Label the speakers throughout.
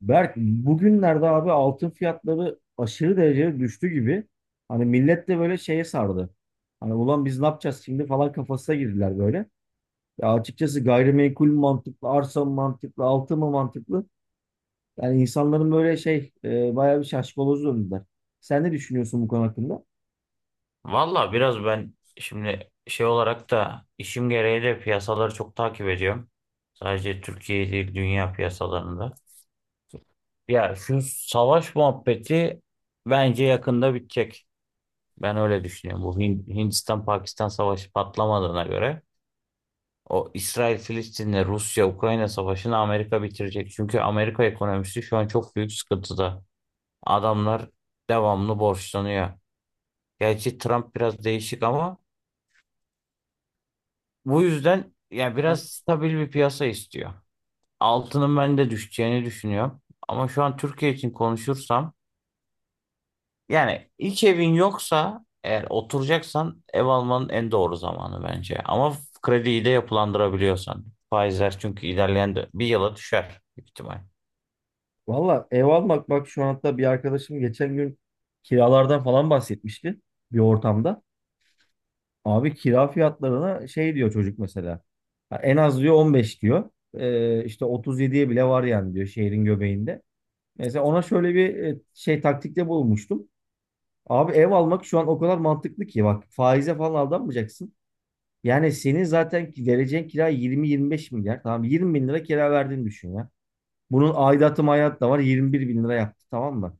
Speaker 1: Berk bugünlerde abi altın fiyatları aşırı derecede düştü gibi. Hani millet de böyle şeye sardı. Hani ulan biz ne yapacağız şimdi falan kafasına girdiler böyle. Ya açıkçası gayrimenkul mü mantıklı, arsa mı mantıklı, altın mı mantıklı? Yani insanların böyle bayağı bir şaşkaloz döndüler. Sen ne düşünüyorsun bu konu hakkında?
Speaker 2: Valla biraz ben şimdi şey olarak da işim gereği de piyasaları çok takip ediyorum. Sadece Türkiye değil dünya piyasalarında. Ya şu savaş muhabbeti bence yakında bitecek. Ben öyle düşünüyorum. Bu Hindistan-Pakistan savaşı patlamadığına göre o İsrail-Filistin'le Rusya-Ukrayna savaşını Amerika bitirecek. Çünkü Amerika ekonomisi şu an çok büyük sıkıntıda. Adamlar devamlı borçlanıyor. Gerçi Trump biraz değişik ama bu yüzden ya biraz stabil bir piyasa istiyor. Altının ben de düşeceğini düşünüyorum. Ama şu an Türkiye için konuşursam yani ilk evin yoksa eğer oturacaksan ev almanın en doğru zamanı bence. Ama krediyi de yapılandırabiliyorsan. Faizler çünkü ilerleyen bir yıla düşer büyük ihtimal.
Speaker 1: Valla ev almak bak şu an hatta bir arkadaşım geçen gün kiralardan falan bahsetmişti bir ortamda. Abi kira fiyatlarına şey diyor çocuk mesela. Ha, en az diyor 15 diyor. İşte 37'ye bile var yani diyor şehrin göbeğinde. Mesela ona şöyle bir şey taktikte bulmuştum. Abi ev almak şu an o kadar mantıklı ki bak faize falan aldanmayacaksın. Yani senin zaten vereceğin kira 20-25 milyar. Tamam 20 bin lira kira verdiğini düşün ya. Bunun aidatı mayat da var 21 bin lira yaptı tamam mı?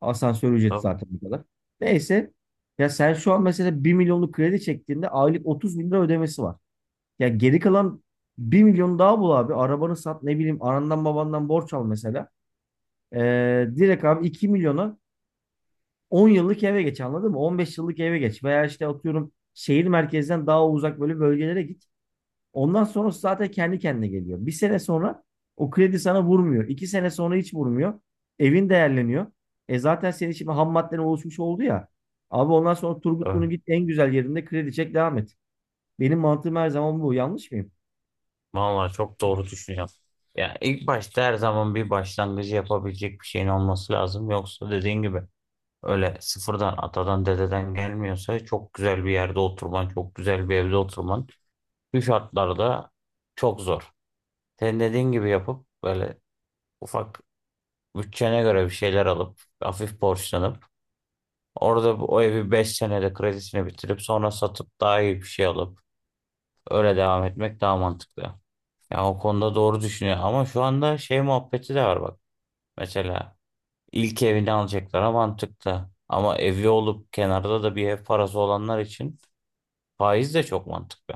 Speaker 1: Asansör ücreti
Speaker 2: Tabii.
Speaker 1: zaten bu kadar. Neyse ya sen şu an mesela bir milyonluk kredi çektiğinde aylık 30 bin lira ödemesi var. Ya geri kalan bir milyon daha bul abi. Arabanı sat ne bileyim anandan babandan borç al mesela. Direkt abi 2 milyona 10 yıllık eve geç anladın mı? 15 yıllık eve geç. Veya işte atıyorum şehir merkezden daha uzak böyle bölgelere git. Ondan sonrası zaten kendi kendine geliyor. Bir sene sonra o kredi sana vurmuyor. 2 sene sonra hiç vurmuyor. Evin değerleniyor. E zaten senin şimdi ham madden oluşmuş oldu ya. Abi ondan sonra Turgutlu'nun
Speaker 2: Tabii.
Speaker 1: git en güzel yerinde kredi çek devam et. Benim mantığım her zaman bu. Yanlış mıyım?
Speaker 2: Vallahi çok doğru düşünüyorsun. Ya ilk başta her zaman bir başlangıcı yapabilecek bir şeyin olması lazım. Yoksa dediğin gibi öyle sıfırdan atadan dededen gelmiyorsa çok güzel bir yerde oturman, çok güzel bir evde oturman bu şartlarda çok zor. Senin dediğin gibi yapıp böyle ufak bütçene göre bir şeyler alıp hafif borçlanıp orada o evi 5 senede kredisini bitirip sonra satıp daha iyi bir şey alıp öyle devam etmek daha mantıklı. Ya o konuda doğru düşünüyor ama şu anda şey muhabbeti de var bak. Mesela ilk evini alacaklara mantıklı ama evi olup kenarda da bir ev parası olanlar için faiz de çok mantıklı.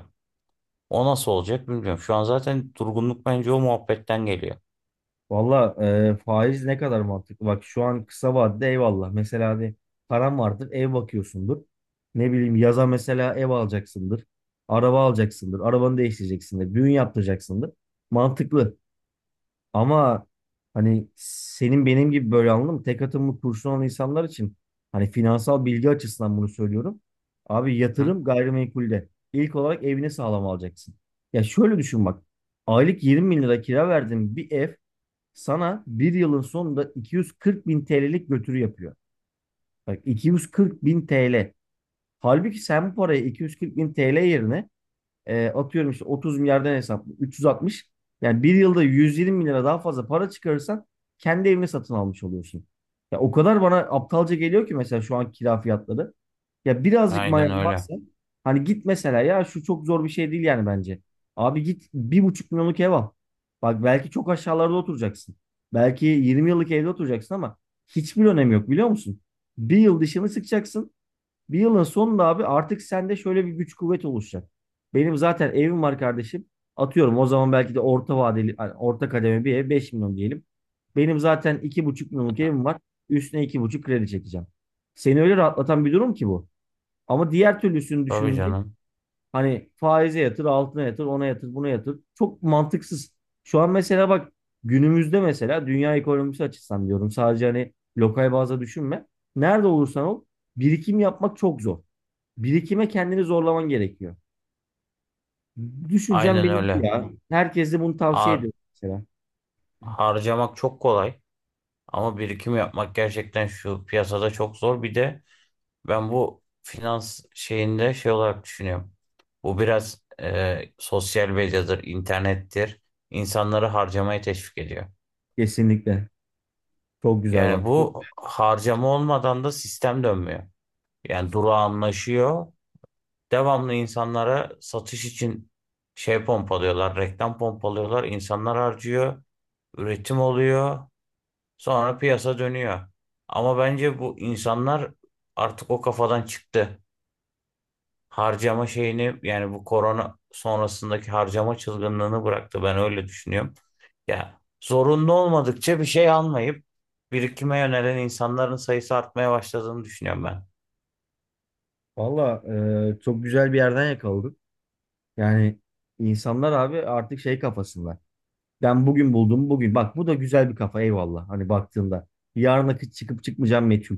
Speaker 2: O nasıl olacak bilmiyorum. Şu an zaten durgunluk bence o muhabbetten geliyor.
Speaker 1: Valla faiz ne kadar mantıklı. Bak şu an kısa vadede eyvallah. Mesela hani param vardır ev bakıyorsundur. Ne bileyim yaza mesela ev alacaksındır. Araba alacaksındır. Arabanı değiştireceksindir. Düğün yaptıracaksındır. Mantıklı. Ama hani senin benim gibi böyle anladın mı? Tek atımlı kurşun olan insanlar için hani finansal bilgi açısından bunu söylüyorum. Abi
Speaker 2: Hı?
Speaker 1: yatırım gayrimenkulde. İlk olarak evini sağlam alacaksın. Ya şöyle düşün bak. Aylık 20 bin lira kira verdiğin bir ev sana bir yılın sonunda 240 bin TL'lik götürü yapıyor. Bak 240 bin TL. Halbuki sen bu parayı 240 bin TL yerine atıyorum işte 30 milyardan hesaplı 360 yani bir yılda 120 bin lira daha fazla para çıkarırsan kendi evini satın almış oluyorsun. Ya o kadar bana aptalca geliyor ki mesela şu an kira fiyatları. Ya birazcık
Speaker 2: Aynen
Speaker 1: mayan
Speaker 2: öyle.
Speaker 1: varsa hani git mesela ya şu çok zor bir şey değil yani bence. Abi git bir buçuk milyonluk ev al. Bak belki çok aşağılarda oturacaksın. Belki 20 yıllık evde oturacaksın ama hiçbir önemi yok biliyor musun? Bir yıl dişini sıkacaksın. Bir yılın sonunda abi artık sende şöyle bir güç kuvvet oluşacak. Benim zaten evim var kardeşim. Atıyorum o zaman belki de orta vadeli, hani orta kademe bir ev 5 milyon diyelim. Benim zaten iki buçuk milyonluk evim var. Üstüne iki buçuk kredi çekeceğim. Seni öyle rahatlatan bir durum ki bu. Ama diğer türlüsünü
Speaker 2: Tabii
Speaker 1: düşününce
Speaker 2: canım.
Speaker 1: hani faize yatır, altına yatır, ona yatır, buna yatır. Çok mantıksız. Şu an mesela bak günümüzde mesela dünya ekonomisi açısından diyorum. Sadece hani lokal bazda düşünme. Nerede olursan ol birikim yapmak çok zor. Birikime kendini zorlaman gerekiyor. Düşüncem
Speaker 2: Aynen
Speaker 1: benim bu
Speaker 2: öyle.
Speaker 1: ya. Herkese bunu tavsiye
Speaker 2: Har
Speaker 1: ediyorum mesela.
Speaker 2: harcamak çok kolay ama birikim yapmak gerçekten şu piyasada çok zor. Bir de ben bu finans şeyinde şey olarak düşünüyorum. Bu biraz sosyal medyadır, internettir. İnsanları harcamaya teşvik ediyor.
Speaker 1: Kesinlikle. Çok güzel
Speaker 2: Yani
Speaker 1: bak.
Speaker 2: bu harcama olmadan da sistem dönmüyor. Yani durağanlaşıyor. Devamlı insanlara satış için şey pompalıyorlar, reklam pompalıyorlar. İnsanlar harcıyor, üretim oluyor, sonra piyasa dönüyor. Ama bence bu insanlar artık o kafadan çıktı. Harcama şeyini yani bu korona sonrasındaki harcama çılgınlığını bıraktı. Ben öyle düşünüyorum. Ya zorunlu olmadıkça bir şey almayıp birikime yönelen insanların sayısı artmaya başladığını düşünüyorum ben.
Speaker 1: Valla çok güzel bir yerden yakaladık. Yani insanlar abi artık şey kafasında. Ben bugün buldum bugün. Bak bu da güzel bir kafa eyvallah. Hani baktığında yarına çıkıp çıkmayacağım meçhul.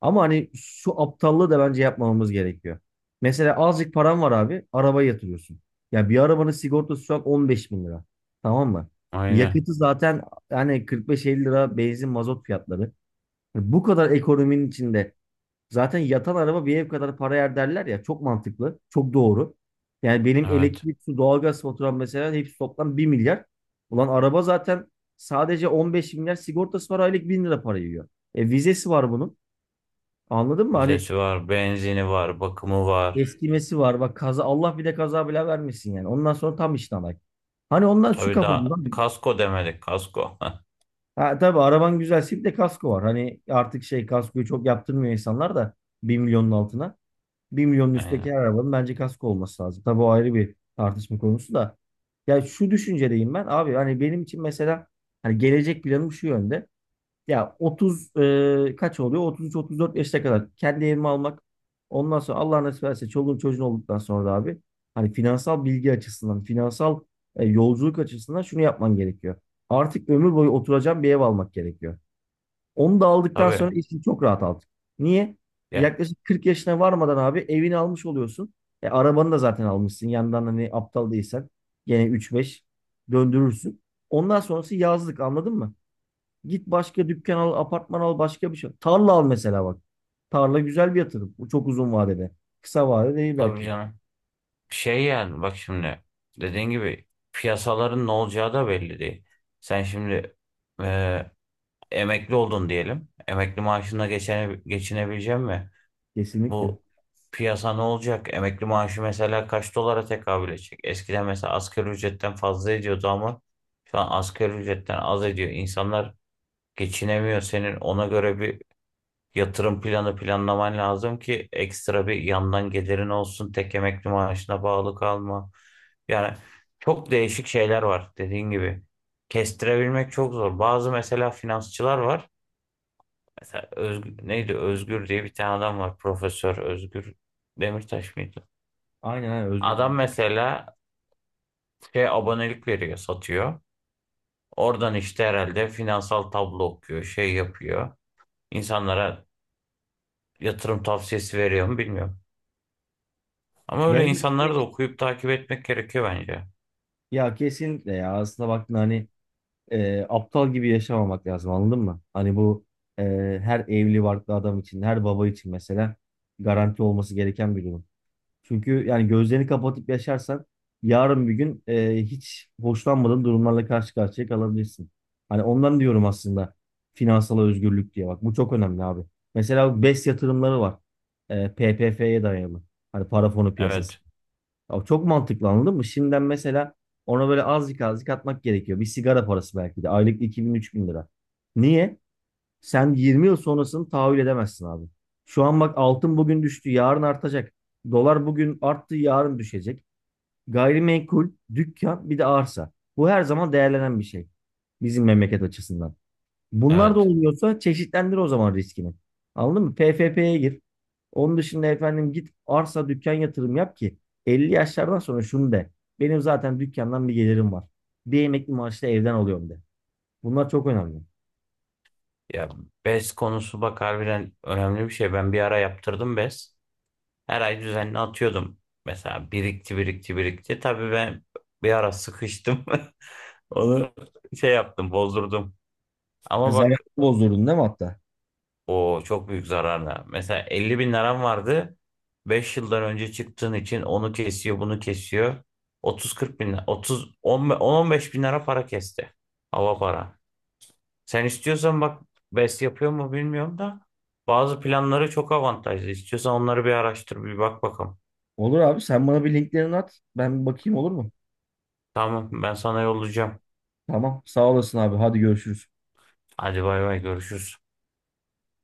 Speaker 1: Ama hani şu aptallığı da bence yapmamamız gerekiyor. Mesela azıcık param var abi. Arabaya yatırıyorsun. Ya bir arabanın sigortası şu an 15 bin lira. Tamam mı?
Speaker 2: Aynen.
Speaker 1: Yakıtı zaten yani 45-50 lira benzin mazot fiyatları. Bu kadar ekonominin içinde zaten yatan araba bir ev kadar para yer derler ya. Çok mantıklı. Çok doğru. Yani benim
Speaker 2: Evet.
Speaker 1: elektrik, su, doğalgaz faturam mesela hepsi toplam bir milyar. Ulan araba zaten sadece 15 milyar sigortası var aylık 1000 lira para yiyor. E vizesi var bunun. Anladın mı? Hani
Speaker 2: Vizesi var, benzini var, bakımı var.
Speaker 1: eskimesi var. Bak kaza Allah bir de kaza bile vermesin yani. Ondan sonra tam işten ay. Hani ondan şu
Speaker 2: Tabii
Speaker 1: kafada.
Speaker 2: daha kasko demedik kasko.
Speaker 1: Ha, tabii araban güzelse bir de kasko var. Hani artık şey kaskoyu çok yaptırmıyor insanlar da bir milyonun altına. Bir milyonun
Speaker 2: Aynen.
Speaker 1: üstteki her arabanın bence kasko olması lazım. Tabii o ayrı bir tartışma konusu da. Ya şu düşüncedeyim ben abi hani benim için mesela hani gelecek planım şu yönde. Ya 30 kaç oluyor? 33-34 yaşına kadar kendi evimi almak. Ondan sonra Allah nasip ederse çoluğun çocuğun olduktan sonra da abi hani finansal bilgi açısından, finansal yolculuk açısından şunu yapman gerekiyor. Artık ömür boyu oturacağım bir ev almak gerekiyor. Onu da aldıktan sonra
Speaker 2: Tabii.
Speaker 1: işin çok rahat aldık. Niye?
Speaker 2: Ya,
Speaker 1: Yaklaşık 40 yaşına varmadan abi evini almış oluyorsun. E, arabanı da zaten almışsın. Yandan hani aptal değilsen gene 3-5 döndürürsün. Ondan sonrası yazlık anladın mı? Git başka dükkan al, apartman al, başka bir şey. Tarla al mesela bak. Tarla güzel bir yatırım. Bu çok uzun vadede. Kısa vadede değil
Speaker 2: tabii
Speaker 1: belki.
Speaker 2: canım. Şey yani bak şimdi dediğin gibi piyasaların ne olacağı da belli değil. Sen şimdi e, emekli oldun diyelim. Emekli maaşına geçene, geçinebilecek mi?
Speaker 1: Kesinlikle.
Speaker 2: Bu piyasa ne olacak? Emekli maaşı mesela kaç dolara tekabül edecek? Eskiden mesela asgari ücretten fazla ediyordu ama şu an asgari ücretten az ediyor. İnsanlar geçinemiyor. Senin ona göre bir yatırım planı planlaman lazım ki ekstra bir yandan gelirin olsun. Tek emekli maaşına bağlı kalma. Yani çok değişik şeyler var dediğin gibi. Kestirebilmek çok zor. Bazı mesela finansçılar var. Mesela Özgür, neydi Özgür diye bir tane adam var. Profesör Özgür Demirtaş mıydı?
Speaker 1: Aynen aynen Özgür.
Speaker 2: Adam mesela şey abonelik veriyor, satıyor. Oradan işte herhalde finansal tablo okuyor, şey yapıyor. İnsanlara yatırım tavsiyesi veriyor mu bilmiyorum. Ama öyle
Speaker 1: Genelde
Speaker 2: insanları da okuyup takip etmek gerekiyor bence.
Speaker 1: ya kesinlikle ya aslında baktın hani aptal gibi yaşamamak lazım anladın mı? Hani bu e, her evli barklı adam için, her baba için mesela garanti olması gereken bir durum. Çünkü yani gözlerini kapatıp yaşarsan yarın bir gün hiç hoşlanmadığın durumlarla karşı karşıya kalabilirsin. Hani ondan diyorum aslında finansal özgürlük diye bak bu çok önemli abi. Mesela BES yatırımları var. E, PPF'ye dayalı. Hani para fonu piyasası.
Speaker 2: Evet,
Speaker 1: Ya çok mantıklı anladın mı? Şimdiden mesela ona böyle azıcık azıcık atmak gerekiyor. Bir sigara parası belki de. Aylık 2000-3000 lira. Niye? Sen 20 yıl sonrasını tahayyül edemezsin abi. Şu an bak altın bugün düştü, yarın artacak. Dolar bugün arttı, yarın düşecek. Gayrimenkul, dükkan, bir de arsa. Bu her zaman değerlenen bir şey. Bizim memleket açısından. Bunlar da
Speaker 2: evet.
Speaker 1: olmuyorsa çeşitlendir o zaman riskini. Anladın mı? PFP'ye gir. Onun dışında efendim git arsa dükkan yatırım yap ki 50 yaşlardan sonra şunu de. Benim zaten dükkandan bir gelirim var. Bir emekli maaşla evden alıyorum de. Bunlar çok önemli.
Speaker 2: Ya bez konusu bak harbiden önemli bir şey. Ben bir ara yaptırdım bez. Her ay düzenli atıyordum. Mesela birikti, birikti, birikti. Tabii ben bir ara sıkıştım. Onu şey yaptım, bozdurdum.
Speaker 1: Ha,
Speaker 2: Ama
Speaker 1: zamanı
Speaker 2: bak
Speaker 1: bozdurdun değil mi hatta?
Speaker 2: o çok büyük zararla. Mesela 50 bin liram vardı. Beş yıldan önce çıktığın için onu kesiyor, bunu kesiyor. 30-40 bin, 30, 10-15 bin lira para kesti. Hava para. Sen istiyorsan bak BES yapıyor mu bilmiyorum da bazı planları çok avantajlı. İstiyorsan onları bir araştır bir bak bakalım.
Speaker 1: Olur abi sen bana bir linklerini at. Ben bir bakayım olur mu?
Speaker 2: Tamam ben sana yollayacağım.
Speaker 1: Tamam sağ olasın abi hadi görüşürüz.
Speaker 2: Hadi bay bay görüşürüz.